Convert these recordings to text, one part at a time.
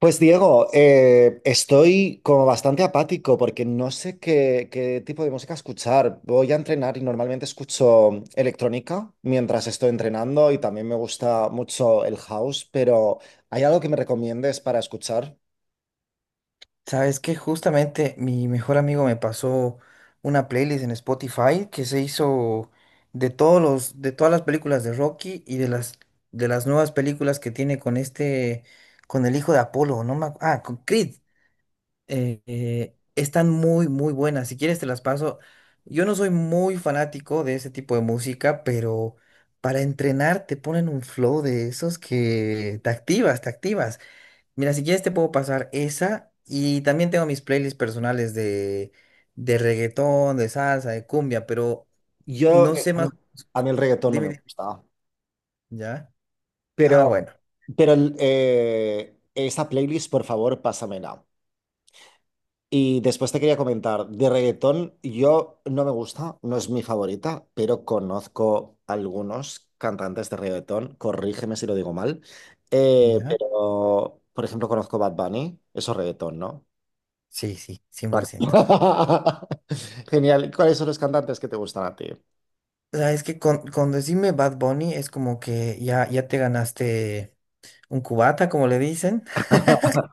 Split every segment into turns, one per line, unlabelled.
Pues Diego, estoy como bastante apático porque no sé qué tipo de música escuchar. Voy a entrenar y normalmente escucho electrónica mientras estoy entrenando y también me gusta mucho el house, pero ¿hay algo que me recomiendes para escuchar?
Sabes que justamente mi mejor amigo me pasó una playlist en Spotify que se hizo de de todas las películas de Rocky y de las nuevas películas que tiene con con el hijo de Apolo, no me acu- ah, con Creed. Están muy, muy buenas. Si quieres te las paso. Yo no soy muy fanático de ese tipo de música, pero para entrenar te ponen un flow de esos que te activas, te activas. Mira, si quieres te puedo pasar esa y también tengo mis playlists personales de reggaetón, de salsa, de cumbia, pero
Yo,
no sé más.
a mí el reggaetón no
Dime,
me
dime.
gusta,
¿Ya? Ah,
pero,
bueno.
pero esa playlist, por favor, pásamela. Y después te quería comentar, de reggaetón yo no me gusta, no es mi favorita, pero conozco algunos cantantes de reggaetón, corrígeme si lo digo mal,
¿Ya?
pero por ejemplo conozco Bad Bunny, eso es reggaetón, ¿no?
Sí, sí, cien
Vale.
por ciento.
Genial, ¿cuáles son los cantantes que te gustan a ti?
O sea, es que con decirme Bad Bunny es como que ya, ya te ganaste un cubata, como le dicen,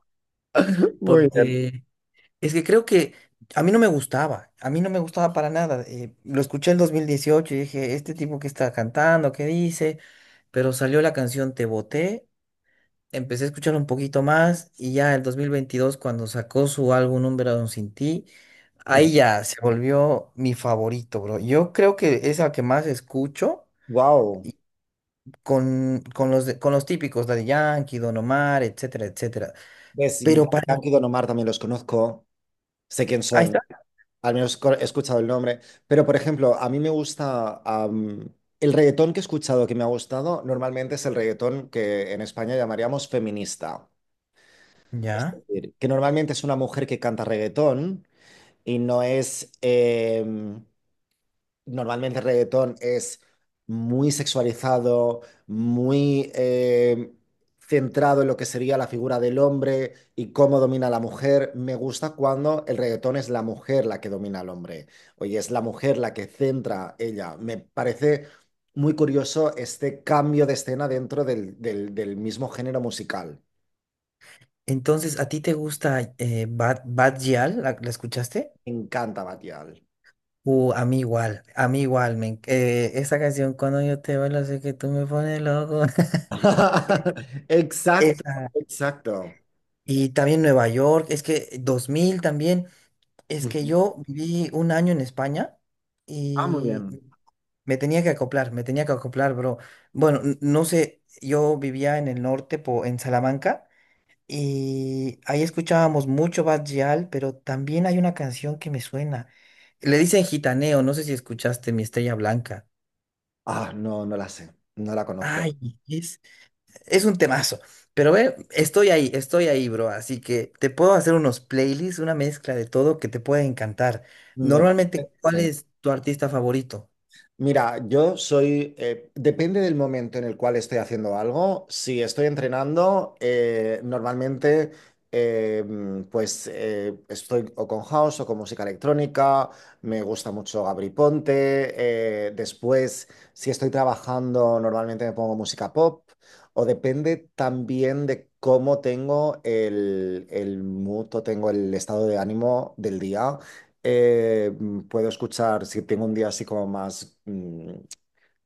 Muy bien.
porque es que creo que a mí no me gustaba, a mí no me gustaba para nada. Lo escuché en 2018 y dije, este tipo que está cantando, ¿qué dice? Pero salió la canción Te Boté, empecé a escuchar un poquito más y ya el 2022 cuando sacó su álbum Un Verano Sin Ti, ahí ya se volvió mi favorito, bro. Yo creo que es la que más escucho
Wow.
y con los típicos, Daddy Yankee, Don Omar, etcétera, etcétera.
Ves,
Pero para...
Dankid y Don Omar también los conozco, sé quién
Ahí está.
son. Al menos he escuchado el nombre. Pero, por ejemplo, a mí me gusta... el reggaetón que he escuchado que me ha gustado normalmente es el reggaetón que en España llamaríamos feminista. Es
Ya.
decir, que normalmente es una mujer que canta reggaetón y no es... normalmente el reggaetón es muy sexualizado, muy centrado en lo que sería la figura del hombre y cómo domina a la mujer. Me gusta cuando el reggaetón es la mujer la que domina al hombre. Oye, es la mujer la que centra ella. Me parece muy curioso este cambio de escena dentro del mismo género musical.
Entonces, ¿a ti te gusta Bad Gyal? La escuchaste?
Me encanta Batial.
A mí igual, a mí igual. Esa canción, cuando yo te bailo, sé que tú me pones loco.
Exacto,
Esa.
exacto.
Y también Nueva York, es que 2000 también, es que
Ujú.
yo viví un año en España
Ah, muy
y
bien.
me tenía que acoplar, me tenía que acoplar, bro. Bueno, no sé, yo vivía en el norte, en Salamanca, y ahí escuchábamos mucho Bad Gyal, pero también hay una canción que me suena. Le dicen Gitaneo, no sé si escuchaste Mi Estrella Blanca.
Ah, no, no la sé, no la conozco.
Ay, es, es un temazo. Pero ve, estoy ahí, bro. Así que te puedo hacer unos playlists, una mezcla de todo que te puede encantar.
Me
Normalmente,
parece
¿cuál
genial.
es tu artista favorito?
Mira, yo soy, depende del momento en el cual estoy haciendo algo. Si estoy entrenando, normalmente estoy o con house o con música electrónica. Me gusta mucho Gabri Ponte. Después, si estoy trabajando, normalmente me pongo música pop. O depende también de cómo tengo el mood o tengo el estado de ánimo del día. Puedo escuchar, si tengo un día así como más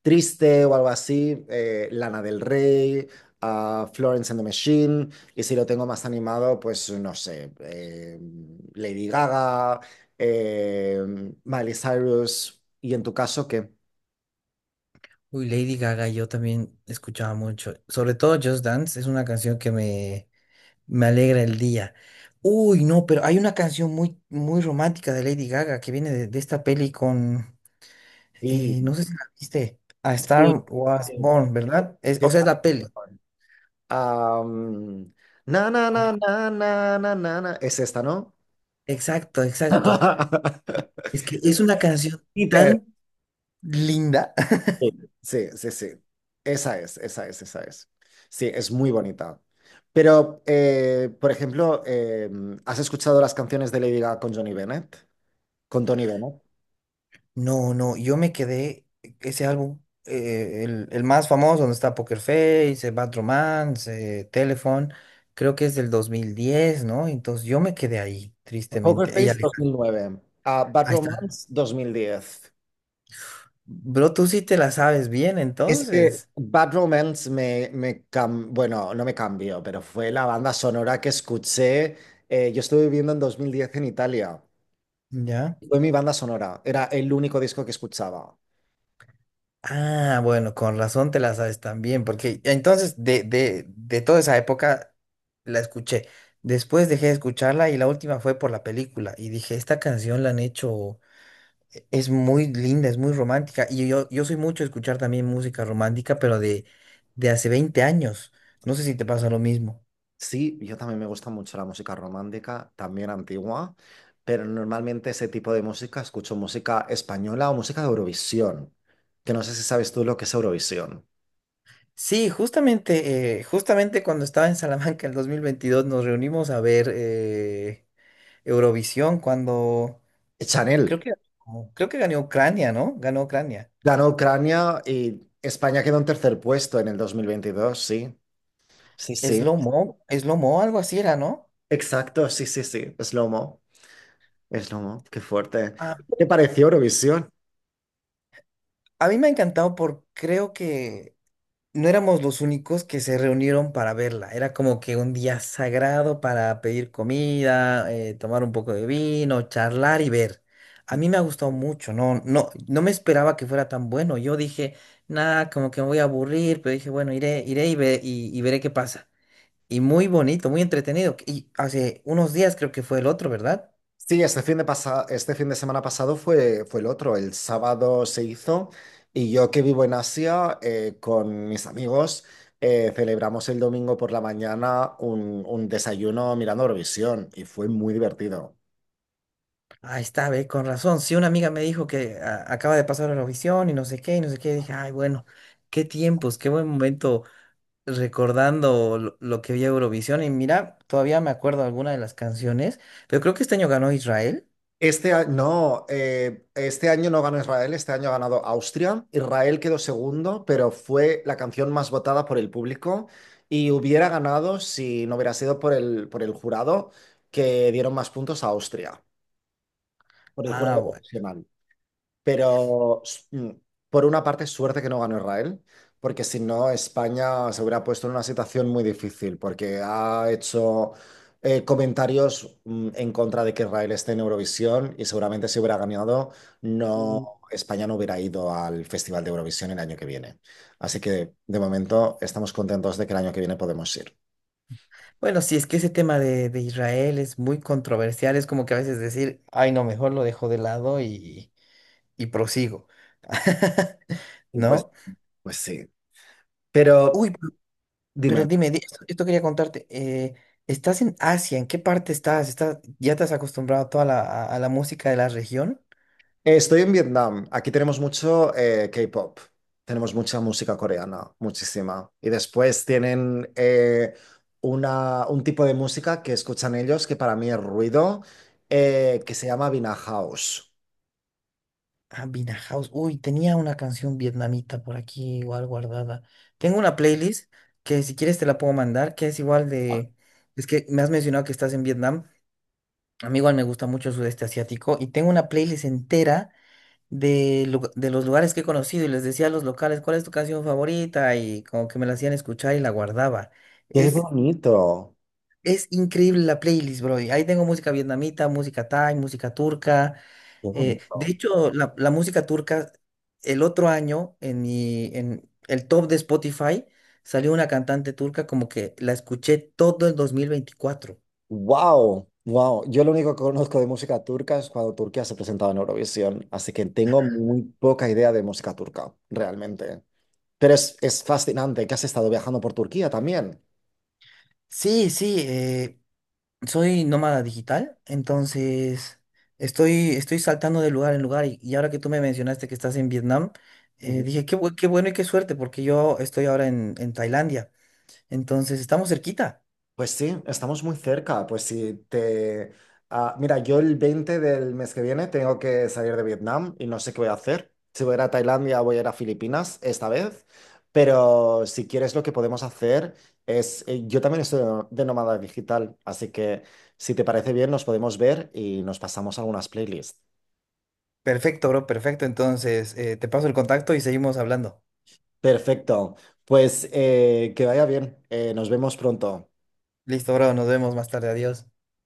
triste o algo así, Lana del Rey, a Florence and the Machine, y si lo tengo más animado, pues no sé, Lady Gaga, eh, Miley Cyrus, y en tu caso, ¿qué?
Uy, Lady Gaga, yo también escuchaba mucho. Sobre todo Just Dance, es una canción me alegra el día. Uy, no, pero hay una canción muy, muy romántica de Lady Gaga que viene de esta peli con,
Sí,
no sé si la viste, A
sí,
Star Was
sí,
Born, ¿verdad?
sí,
O sea, es
claro.
la peli.
Am, Na, na, na,
¿Cuál?
na, na, na, na, na. Es esta, ¿no?
Exacto, exacto. Es que es una canción
Hiper.
tan linda.
Sí, sí, sí. Sí. Esa es, esa es, esa es. Sí, es muy bonita. Pero, por ejemplo, ¿has escuchado las canciones de Lady Gaga con Johnny Bennett? Con Tony Bennett.
No, no, yo me quedé, ese álbum, el más famoso, donde está Poker Face, Bad Romance, Telephone, creo que es del 2010, ¿no? Entonces yo me quedé ahí,
Poker
tristemente. Ella,
Face 2009, ah, Bad
ahí está.
Romance 2010.
Bro, tú sí te la sabes bien,
Es que
entonces.
Bad Romance bueno, no me cambió, pero fue la banda sonora que escuché. Yo estuve viviendo en 2010 en Italia.
¿Ya?
Fue mi banda sonora. Era el único disco que escuchaba.
Ah, bueno, con razón te la sabes también, porque entonces de toda esa época la escuché. Después dejé de escucharla y la última fue por la película. Y dije, esta canción la han hecho, es muy linda, es muy romántica. Yo soy mucho de escuchar también música romántica, pero de hace 20 años. No sé si te pasa lo mismo.
Sí, yo también me gusta mucho la música romántica, también antigua, pero normalmente ese tipo de música escucho música española o música de Eurovisión, que no sé si sabes tú lo que es Eurovisión.
Sí, justamente, justamente cuando estaba en Salamanca en el 2022 nos reunimos a ver... Eurovisión cuando
Chanel
creo que creo que ganó Ucrania, ¿no? Ganó Ucrania.
ganó Ucrania y España quedó en tercer puesto en el 2022. Sí, sí, sí,
Slow Mo, Slow Mo, algo así era, ¿no?
exacto, sí, sí, sí, es Lomo, qué fuerte.
Ah,
¿Qué te pareció Eurovisión?
a mí me ha encantado porque creo que no éramos los únicos que se reunieron para verla. Era como que un día sagrado para pedir comida, tomar un poco de vino, charlar y ver. A mí me ha gustado mucho, no, no, no me esperaba que fuera tan bueno. Yo dije, nada, como que me voy a aburrir, pero dije, bueno, iré, y veré qué pasa. Y muy bonito, muy entretenido. Y hace unos días creo que fue el otro, ¿verdad?
Sí, este este fin de semana pasado fue el otro. El sábado se hizo y yo que vivo en Asia con mis amigos celebramos el domingo por la mañana un desayuno mirando Eurovisión y fue muy divertido.
Ahí está, ve, con razón. Sí, una amiga me dijo que acaba de pasar a Eurovisión y no sé qué, y no sé qué. Dije, ay, bueno, qué tiempos, qué buen momento recordando lo que vi a Eurovisión. Y mira, todavía me acuerdo alguna de las canciones, pero creo que este año ganó Israel.
Este año no ganó Israel, este año ha ganado Austria. Israel quedó segundo, pero fue la canción más votada por el público y hubiera ganado si no hubiera sido por por el jurado que dieron más puntos a Austria. Por el
Ah,
jurado
bueno.
profesional. Pero s- mm, por una parte, suerte que no ganó Israel, porque si no, España se hubiera puesto en una situación muy difícil, porque ha hecho comentarios en contra de que Israel esté en Eurovisión y seguramente si hubiera ganado, no,
Mm.
España no hubiera ido al Festival de Eurovisión el año que viene. Así que de momento estamos contentos de que el año que viene podemos ir.
Bueno, sí, es que ese tema de Israel es muy controversial. Es como que a veces decir, ay, no, mejor lo dejo de lado y prosigo.
Y pues,
¿No?
pues sí.
Uy,
Pero
pero
dime.
dime, esto, esto quería contarte. ¿Estás en Asia? ¿En qué parte estás? ¿Estás, ya te has acostumbrado a a la música de la región?
Estoy en Vietnam. Aquí tenemos mucho K-pop. Tenemos mucha música coreana, muchísima. Y después tienen un tipo de música que escuchan ellos, que para mí es ruido, que se llama Vina House.
Ah, Vina House. Uy, tenía una canción vietnamita por aquí igual guardada. Tengo una playlist que si quieres te la puedo mandar, que es igual de... Es que me has mencionado que estás en Vietnam. A mí igual me gusta mucho el sudeste asiático y tengo una playlist entera de los lugares que he conocido y les decía a los locales cuál es tu canción favorita y como que me la hacían escuchar y la guardaba.
¡Qué
Es
bonito!
Es increíble la playlist, bro. Y ahí tengo música vietnamita, música thai, música turca.
¡Qué
De
bonito!
hecho, la música turca, el otro año, en el top de Spotify, salió una cantante turca como que la escuché todo el 2024.
¡Wow! ¡Wow! Yo lo único que conozco de música turca es cuando Turquía se presentaba en Eurovisión, así que tengo muy poca idea de música turca, realmente. Pero es fascinante que has estado viajando por Turquía también.
Sí, sí, soy nómada digital, entonces estoy saltando de lugar en lugar. Y ahora que tú me mencionaste que estás en Vietnam, dije, qué bueno y qué suerte, porque yo estoy ahora en Tailandia. Entonces, estamos cerquita.
Pues sí, estamos muy cerca. Pues si te... ah, mira, yo el 20 del mes que viene tengo que salir de Vietnam y no sé qué voy a hacer. Si voy a ir a Tailandia, voy a ir a Filipinas esta vez. Pero si quieres, lo que podemos hacer es... Yo también estoy de nómada digital, así que si te parece bien, nos podemos ver y nos pasamos algunas playlists.
Perfecto, bro, perfecto. Entonces, te paso el contacto y seguimos hablando.
Perfecto. Pues que vaya bien. Nos vemos pronto.
Listo, bro, nos vemos más tarde. Adiós.